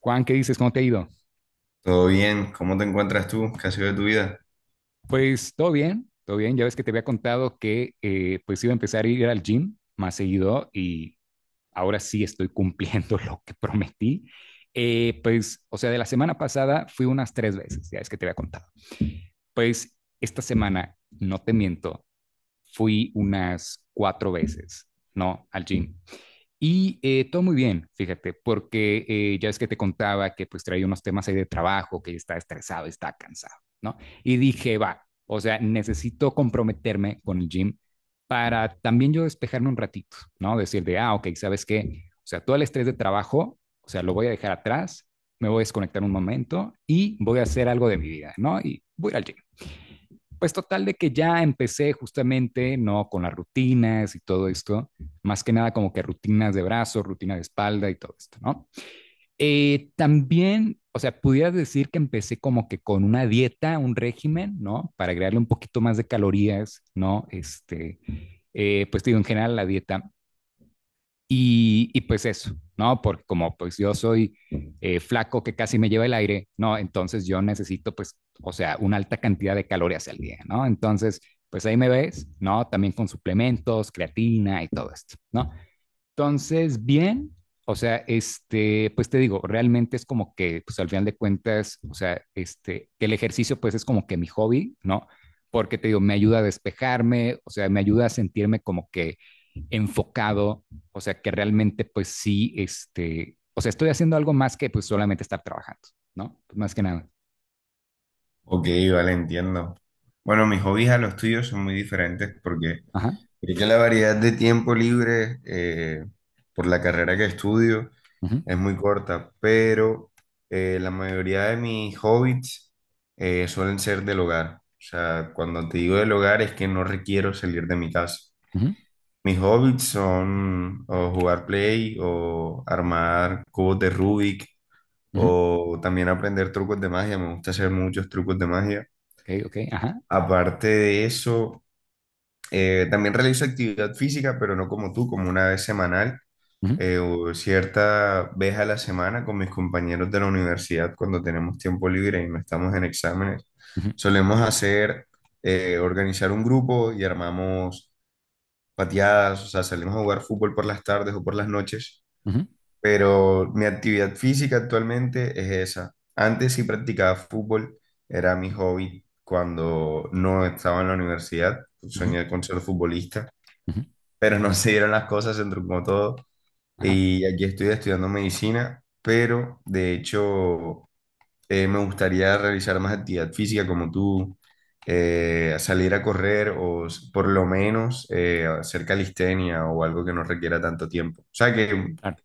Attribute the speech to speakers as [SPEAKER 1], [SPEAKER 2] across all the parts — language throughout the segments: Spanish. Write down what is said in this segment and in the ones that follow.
[SPEAKER 1] Juan, ¿qué dices? ¿Cómo te ha ido?
[SPEAKER 2] Todo bien, ¿cómo te encuentras tú? ¿Qué ha sido de tu vida?
[SPEAKER 1] Pues todo bien, todo bien. Ya ves que te había contado que pues iba a empezar a ir al gym más seguido y ahora sí estoy cumpliendo lo que prometí. Pues, o sea, de la semana pasada fui unas tres veces, ya es que te había contado. Pues esta semana, no te miento, fui unas cuatro veces, ¿no? Al gym. Y todo muy bien, fíjate, porque ya es que te contaba que pues traía unos temas ahí de trabajo, que está estresado, está cansado, ¿no? Y dije, va, o sea, necesito comprometerme con el gym para también yo despejarme un ratito, ¿no? Decir de, ah, ok, ¿sabes qué? O sea, todo el estrés de trabajo, o sea, lo voy a dejar atrás, me voy a desconectar un momento y voy a hacer algo de mi vida, ¿no? Y voy al gym. Pues total de que ya empecé justamente, ¿no? Con las rutinas y todo esto, más que nada como que rutinas de brazos, rutina de espalda y todo esto, ¿no? También, o sea, pudieras decir que empecé como que con una dieta, un régimen, ¿no? Para agregarle un poquito más de calorías, ¿no? Este, pues digo, en general la dieta. Y pues eso, ¿no? Porque como pues yo soy flaco que casi me lleva el aire, ¿no? Entonces yo necesito pues, o sea, una alta cantidad de calorías al día, ¿no? Entonces, pues ahí me ves, ¿no? También con suplementos, creatina y todo esto, ¿no? Entonces, bien, o sea, este, pues te digo, realmente es como que, pues al final de cuentas, o sea, este, que el ejercicio pues es como que mi hobby, ¿no? Porque te digo, me ayuda a despejarme, o sea, me ayuda a sentirme como que enfocado, o sea, que realmente pues sí, este, o sea, estoy haciendo algo más que pues solamente estar trabajando, ¿no? Pues más que nada.
[SPEAKER 2] Ok, vale, entiendo. Bueno, mis hobbies a los tuyos son muy diferentes porque
[SPEAKER 1] Ajá.
[SPEAKER 2] creo que la variedad de tiempo libre por la carrera que estudio
[SPEAKER 1] Ujú,
[SPEAKER 2] es muy corta, pero la mayoría de mis hobbies suelen ser del hogar. O sea, cuando te digo del hogar es que no requiero salir de mi casa.
[SPEAKER 1] ujú,
[SPEAKER 2] Mis hobbies son o jugar play o armar cubos de Rubik
[SPEAKER 1] ujú.
[SPEAKER 2] o también aprender trucos de magia, me gusta hacer muchos trucos de magia.
[SPEAKER 1] Ok, ok, ajá.
[SPEAKER 2] Aparte de eso, también realizo actividad física, pero no como tú, como una vez semanal,
[SPEAKER 1] Ujú,
[SPEAKER 2] o cierta vez a la semana con mis compañeros de la universidad cuando tenemos tiempo libre y no estamos en exámenes.
[SPEAKER 1] ujú,
[SPEAKER 2] Solemos hacer, organizar un grupo y armamos pateadas, o sea, salimos a jugar fútbol por las tardes o por las noches,
[SPEAKER 1] ujú,
[SPEAKER 2] pero mi actividad física actualmente es esa. Antes sí practicaba fútbol, era mi hobby cuando no estaba en la universidad,
[SPEAKER 1] ujú,
[SPEAKER 2] soñé con ser futbolista,
[SPEAKER 1] ujú.
[SPEAKER 2] pero no se dieron las cosas, se truncó todo
[SPEAKER 1] Ajá.
[SPEAKER 2] y aquí estoy estudiando medicina, pero de hecho me gustaría realizar más actividad física como tú, salir a correr por lo menos hacer calistenia o algo que no requiera tanto tiempo. O sea que
[SPEAKER 1] Claro.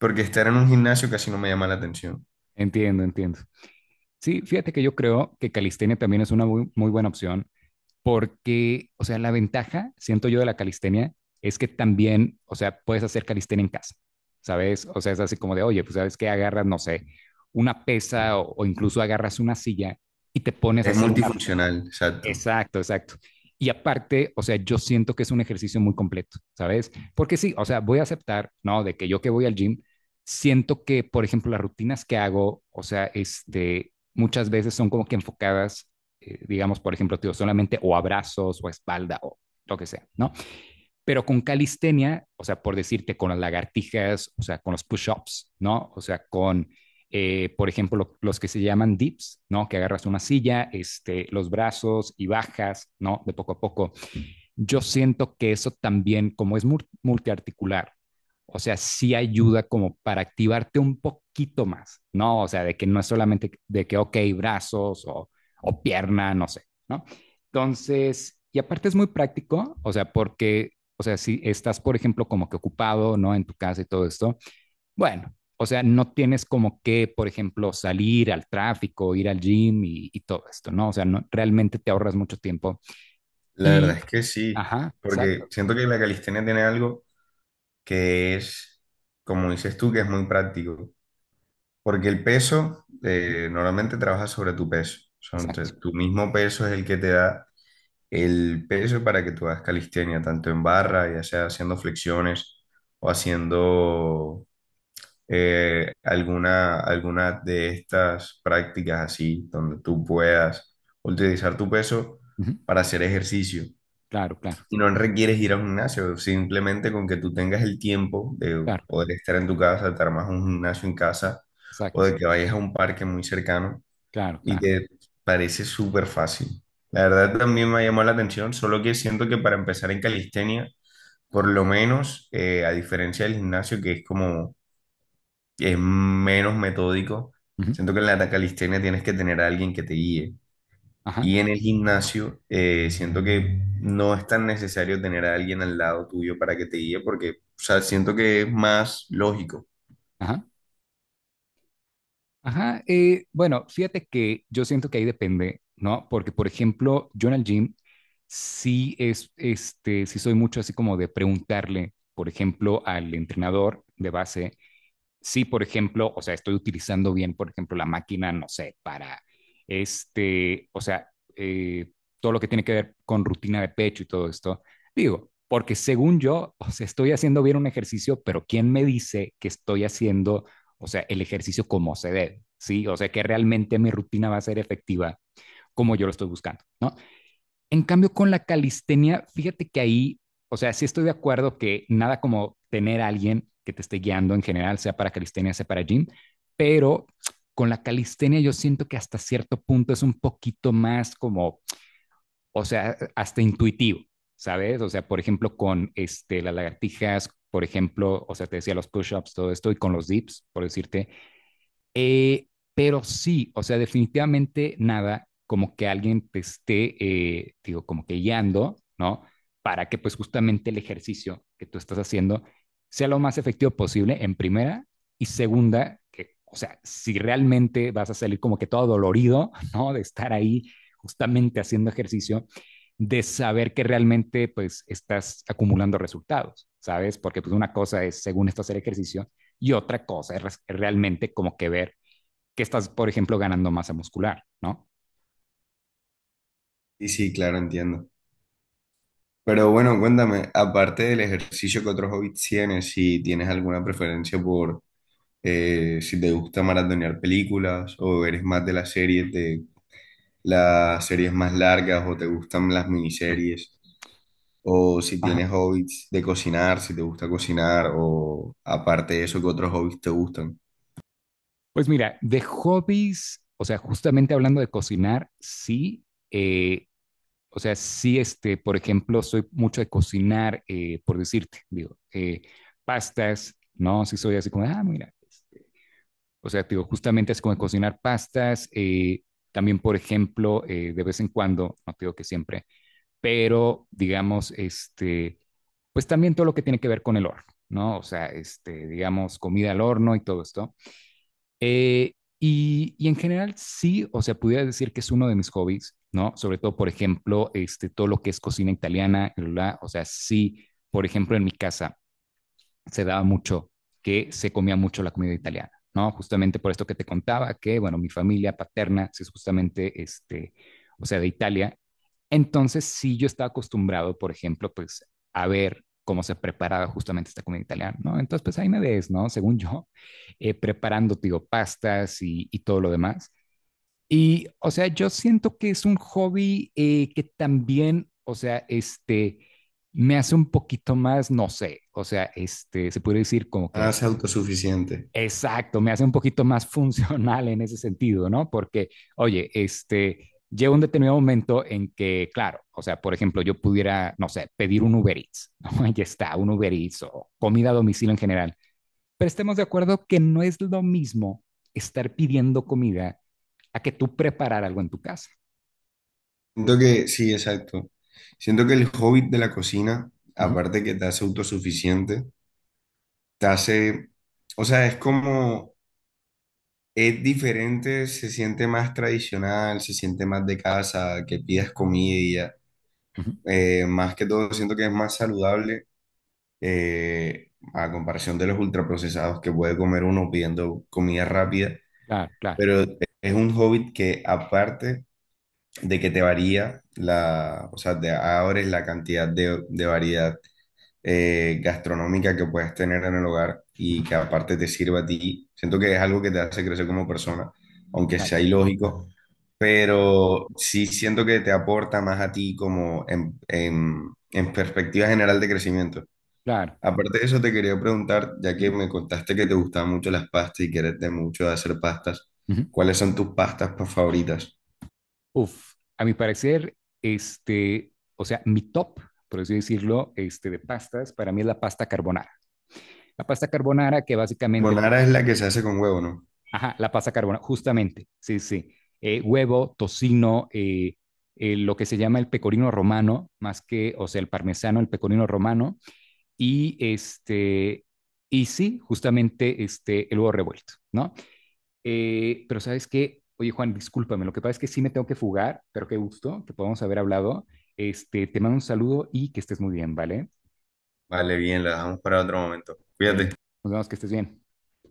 [SPEAKER 2] porque estar en un gimnasio casi no me llama la atención.
[SPEAKER 1] Entiendo, entiendo. Sí, fíjate que yo creo que calistenia también es una muy, muy buena opción porque, o sea, la ventaja, siento yo, de la calistenia es que también, o sea, puedes hacer calistenia en casa, ¿sabes? O sea, es así como de, oye, pues sabes que agarras, no sé, una pesa o incluso agarras una silla y te pones a
[SPEAKER 2] Es
[SPEAKER 1] hacer una.
[SPEAKER 2] multifuncional, exacto.
[SPEAKER 1] Exacto, exacto. Y aparte, o sea, yo siento que es un ejercicio muy completo, ¿sabes? Porque sí, o sea, voy a aceptar, ¿no? De que yo que voy al gym, siento que, por ejemplo, las rutinas que hago, o sea, este, muchas veces son como que enfocadas, digamos, por ejemplo, tío, solamente o abrazos o espalda o lo que sea, ¿no? Pero con calistenia, o sea, por decirte, con las lagartijas, o sea, con los push-ups, ¿no? O sea, con, por ejemplo, los que se llaman dips, ¿no? Que agarras una silla, este, los brazos y bajas, ¿no? De poco a poco yo siento que eso también, como es multiarticular, o sea, sí ayuda como para activarte un poquito más, ¿no? O sea, de que no es solamente de que, ok, brazos o pierna, no sé, ¿no? Entonces, y aparte es muy práctico, o sea, porque, o sea, si estás, por ejemplo, como que ocupado, ¿no? En tu casa y todo esto, bueno, o sea, no tienes como que, por ejemplo, salir al tráfico, ir al gym y todo esto, ¿no? O sea, no, realmente te ahorras mucho tiempo.
[SPEAKER 2] La verdad
[SPEAKER 1] Y,
[SPEAKER 2] es que sí,
[SPEAKER 1] ajá,
[SPEAKER 2] porque
[SPEAKER 1] exacto.
[SPEAKER 2] siento que la calistenia tiene algo que es, como dices tú, que es muy práctico. Porque el peso,
[SPEAKER 1] Ujú.
[SPEAKER 2] normalmente trabajas sobre tu peso. Son,
[SPEAKER 1] Exacto.
[SPEAKER 2] tu mismo peso es el que te da el peso para que tú hagas calistenia, tanto en barra, ya sea haciendo flexiones o haciendo alguna, alguna de estas prácticas así, donde tú puedas utilizar tu peso
[SPEAKER 1] Ujú.
[SPEAKER 2] para hacer ejercicio.
[SPEAKER 1] Claro, claro,
[SPEAKER 2] Y no requieres ir a un gimnasio, simplemente con que tú tengas el tiempo de
[SPEAKER 1] claro,
[SPEAKER 2] poder estar en tu casa, de te armas un gimnasio en casa o
[SPEAKER 1] exacto.
[SPEAKER 2] de que vayas a un parque muy cercano
[SPEAKER 1] Claro,
[SPEAKER 2] y
[SPEAKER 1] claro.
[SPEAKER 2] te parece súper fácil. La verdad también me llamó la atención, solo que siento que para empezar en calistenia, por lo menos a diferencia del gimnasio, que es como es menos metódico.
[SPEAKER 1] Ujú.
[SPEAKER 2] Siento que en la calistenia tienes que tener a alguien que te guíe.
[SPEAKER 1] Ajá,
[SPEAKER 2] Y en el gimnasio, siento que no es tan necesario tener a alguien al lado tuyo para que te guíe, porque, o sea, siento que es más lógico.
[SPEAKER 1] ajá, ajá. Bueno, fíjate que yo siento que ahí depende, ¿no? Porque, por ejemplo, yo en el gym sí es, este, sí soy mucho así como de preguntarle, por ejemplo, al entrenador de base, si, por ejemplo, o sea, estoy utilizando bien, por ejemplo, la máquina, no sé, para este, o sea, eh, todo lo que tiene que ver con rutina de pecho y todo esto, digo, porque según yo, o sea, estoy haciendo bien un ejercicio, pero ¿quién me dice que estoy haciendo, o sea, el ejercicio como se debe? Sí, o sea, que realmente mi rutina va a ser efectiva como yo lo estoy buscando, ¿no? En cambio, con la calistenia, fíjate que ahí, o sea, sí estoy de acuerdo que nada como tener a alguien que te esté guiando en general, sea para calistenia, sea para gym, pero con la calistenia yo siento que hasta cierto punto es un poquito más como, o sea, hasta intuitivo, ¿sabes? O sea, por ejemplo, con este, las lagartijas, por ejemplo, o sea, te decía los push-ups, todo esto, y con los dips, por decirte, eh, pero sí, o sea, definitivamente nada como que alguien te esté, digo, como que guiando, ¿no? Para que pues justamente el ejercicio que tú estás haciendo sea lo más efectivo posible en primera y segunda, que, o sea, si realmente vas a salir como que todo dolorido, ¿no? De estar ahí justamente haciendo ejercicio, de saber que realmente pues estás acumulando resultados, ¿sabes? Porque pues una cosa es, según esto, hacer ejercicio y otra cosa es, realmente como que ver que estás, por ejemplo, ganando masa muscular, ¿no?
[SPEAKER 2] Y sí, claro, entiendo. Pero bueno, cuéntame, aparte del ejercicio, ¿qué otros hobbies tienes? Si tienes alguna preferencia por si te gusta maratonear películas o eres más de las series más largas o te gustan las miniseries. O si
[SPEAKER 1] Ajá.
[SPEAKER 2] tienes hobbies de cocinar, si te gusta cocinar, o aparte de eso, ¿qué otros hobbies te gustan?
[SPEAKER 1] Pues mira, de hobbies, o sea, justamente hablando de cocinar, sí, eh, o sea, sí, este, por ejemplo, soy mucho de cocinar, por decirte, digo, pastas, ¿no? Sí soy así como, ah, mira, este, o sea, digo, justamente es como de cocinar pastas, también, por ejemplo, de vez en cuando, no digo que siempre, pero digamos, este, pues también todo lo que tiene que ver con el horno, ¿no? O sea, este, digamos, comida al horno y todo esto. Eh, y en general, sí, o sea, pudiera decir que es uno de mis hobbies, ¿no? Sobre todo, por ejemplo, este, todo lo que es cocina italiana, bla, bla, bla. O sea, sí, por ejemplo, en mi casa, se daba mucho que se comía mucho la comida italiana, ¿no? Justamente por esto que te contaba, que, bueno, mi familia paterna es justamente, este, o sea, de Italia. Entonces, sí, yo estaba acostumbrado, por ejemplo, pues, a ver cómo se preparaba justamente esta comida italiana, ¿no? Entonces, pues ahí me ves, ¿no? Según yo, preparando, digo, pastas y todo lo demás. Y, o sea, yo siento que es un hobby que también, o sea, este, me hace un poquito más, no sé, o sea, este, se puede decir como
[SPEAKER 2] Ah,
[SPEAKER 1] que,
[SPEAKER 2] ser autosuficiente.
[SPEAKER 1] exacto, me hace un poquito más funcional en ese sentido, ¿no? Porque, oye, este, llega un determinado momento en que, claro, o sea, por ejemplo, yo pudiera, no sé, pedir un Uber Eats, ¿no? Ya está, un Uber Eats o comida a domicilio en general. Pero estemos de acuerdo que no es lo mismo estar pidiendo comida a que tú preparar algo en tu casa.
[SPEAKER 2] Siento que, sí, exacto. Siento que el hobby de la cocina,
[SPEAKER 1] Ujú,
[SPEAKER 2] aparte que te hace autosuficiente, te hace, o sea, es como, es diferente, se siente más tradicional, se siente más de casa, que pidas comida.
[SPEAKER 1] ujú.
[SPEAKER 2] Más que todo, siento que es más saludable eh, a comparación de los ultraprocesados que puede comer uno pidiendo comida rápida,
[SPEAKER 1] Claro, claro,
[SPEAKER 2] pero es un hobby que aparte de que te varía la, o sea, te abres la cantidad de variedad gastronómica que puedes tener en el hogar
[SPEAKER 1] ujú,
[SPEAKER 2] y que aparte te sirva a ti. Siento que es algo que te hace crecer como persona, aunque
[SPEAKER 1] claro,
[SPEAKER 2] sea ilógico. Pero sí siento que te aporta más a ti como en, en perspectiva general de crecimiento.
[SPEAKER 1] claro.
[SPEAKER 2] Aparte de eso, te quería preguntar, ya que
[SPEAKER 1] Ujú,
[SPEAKER 2] me contaste que te gustaban mucho las pastas y que eres de mucho de hacer pastas,
[SPEAKER 1] ujú.
[SPEAKER 2] ¿cuáles son tus pastas favoritas?
[SPEAKER 1] Uf, a mi parecer, este, o sea, mi top, por así decirlo, este, de pastas, para mí es la pasta carbonara. La pasta carbonara que básicamente, te-
[SPEAKER 2] Bonara es la que se hace con huevo, ¿no?
[SPEAKER 1] ajá, la pasta carbonara, justamente, sí, sí. Huevo, tocino, lo que se llama el pecorino romano, más que, o sea, el parmesano, el pecorino romano, y este, y sí, justamente este, el huevo revuelto, ¿no? Pero sabes qué, oye Juan, discúlpame, lo que pasa es que sí me tengo que fugar, pero qué gusto que podamos haber hablado. Este, te mando un saludo y que estés muy bien, ¿vale?
[SPEAKER 2] Vale, bien, la dejamos para otro momento. Cuídate.
[SPEAKER 1] Ok, nos vemos, que estés bien.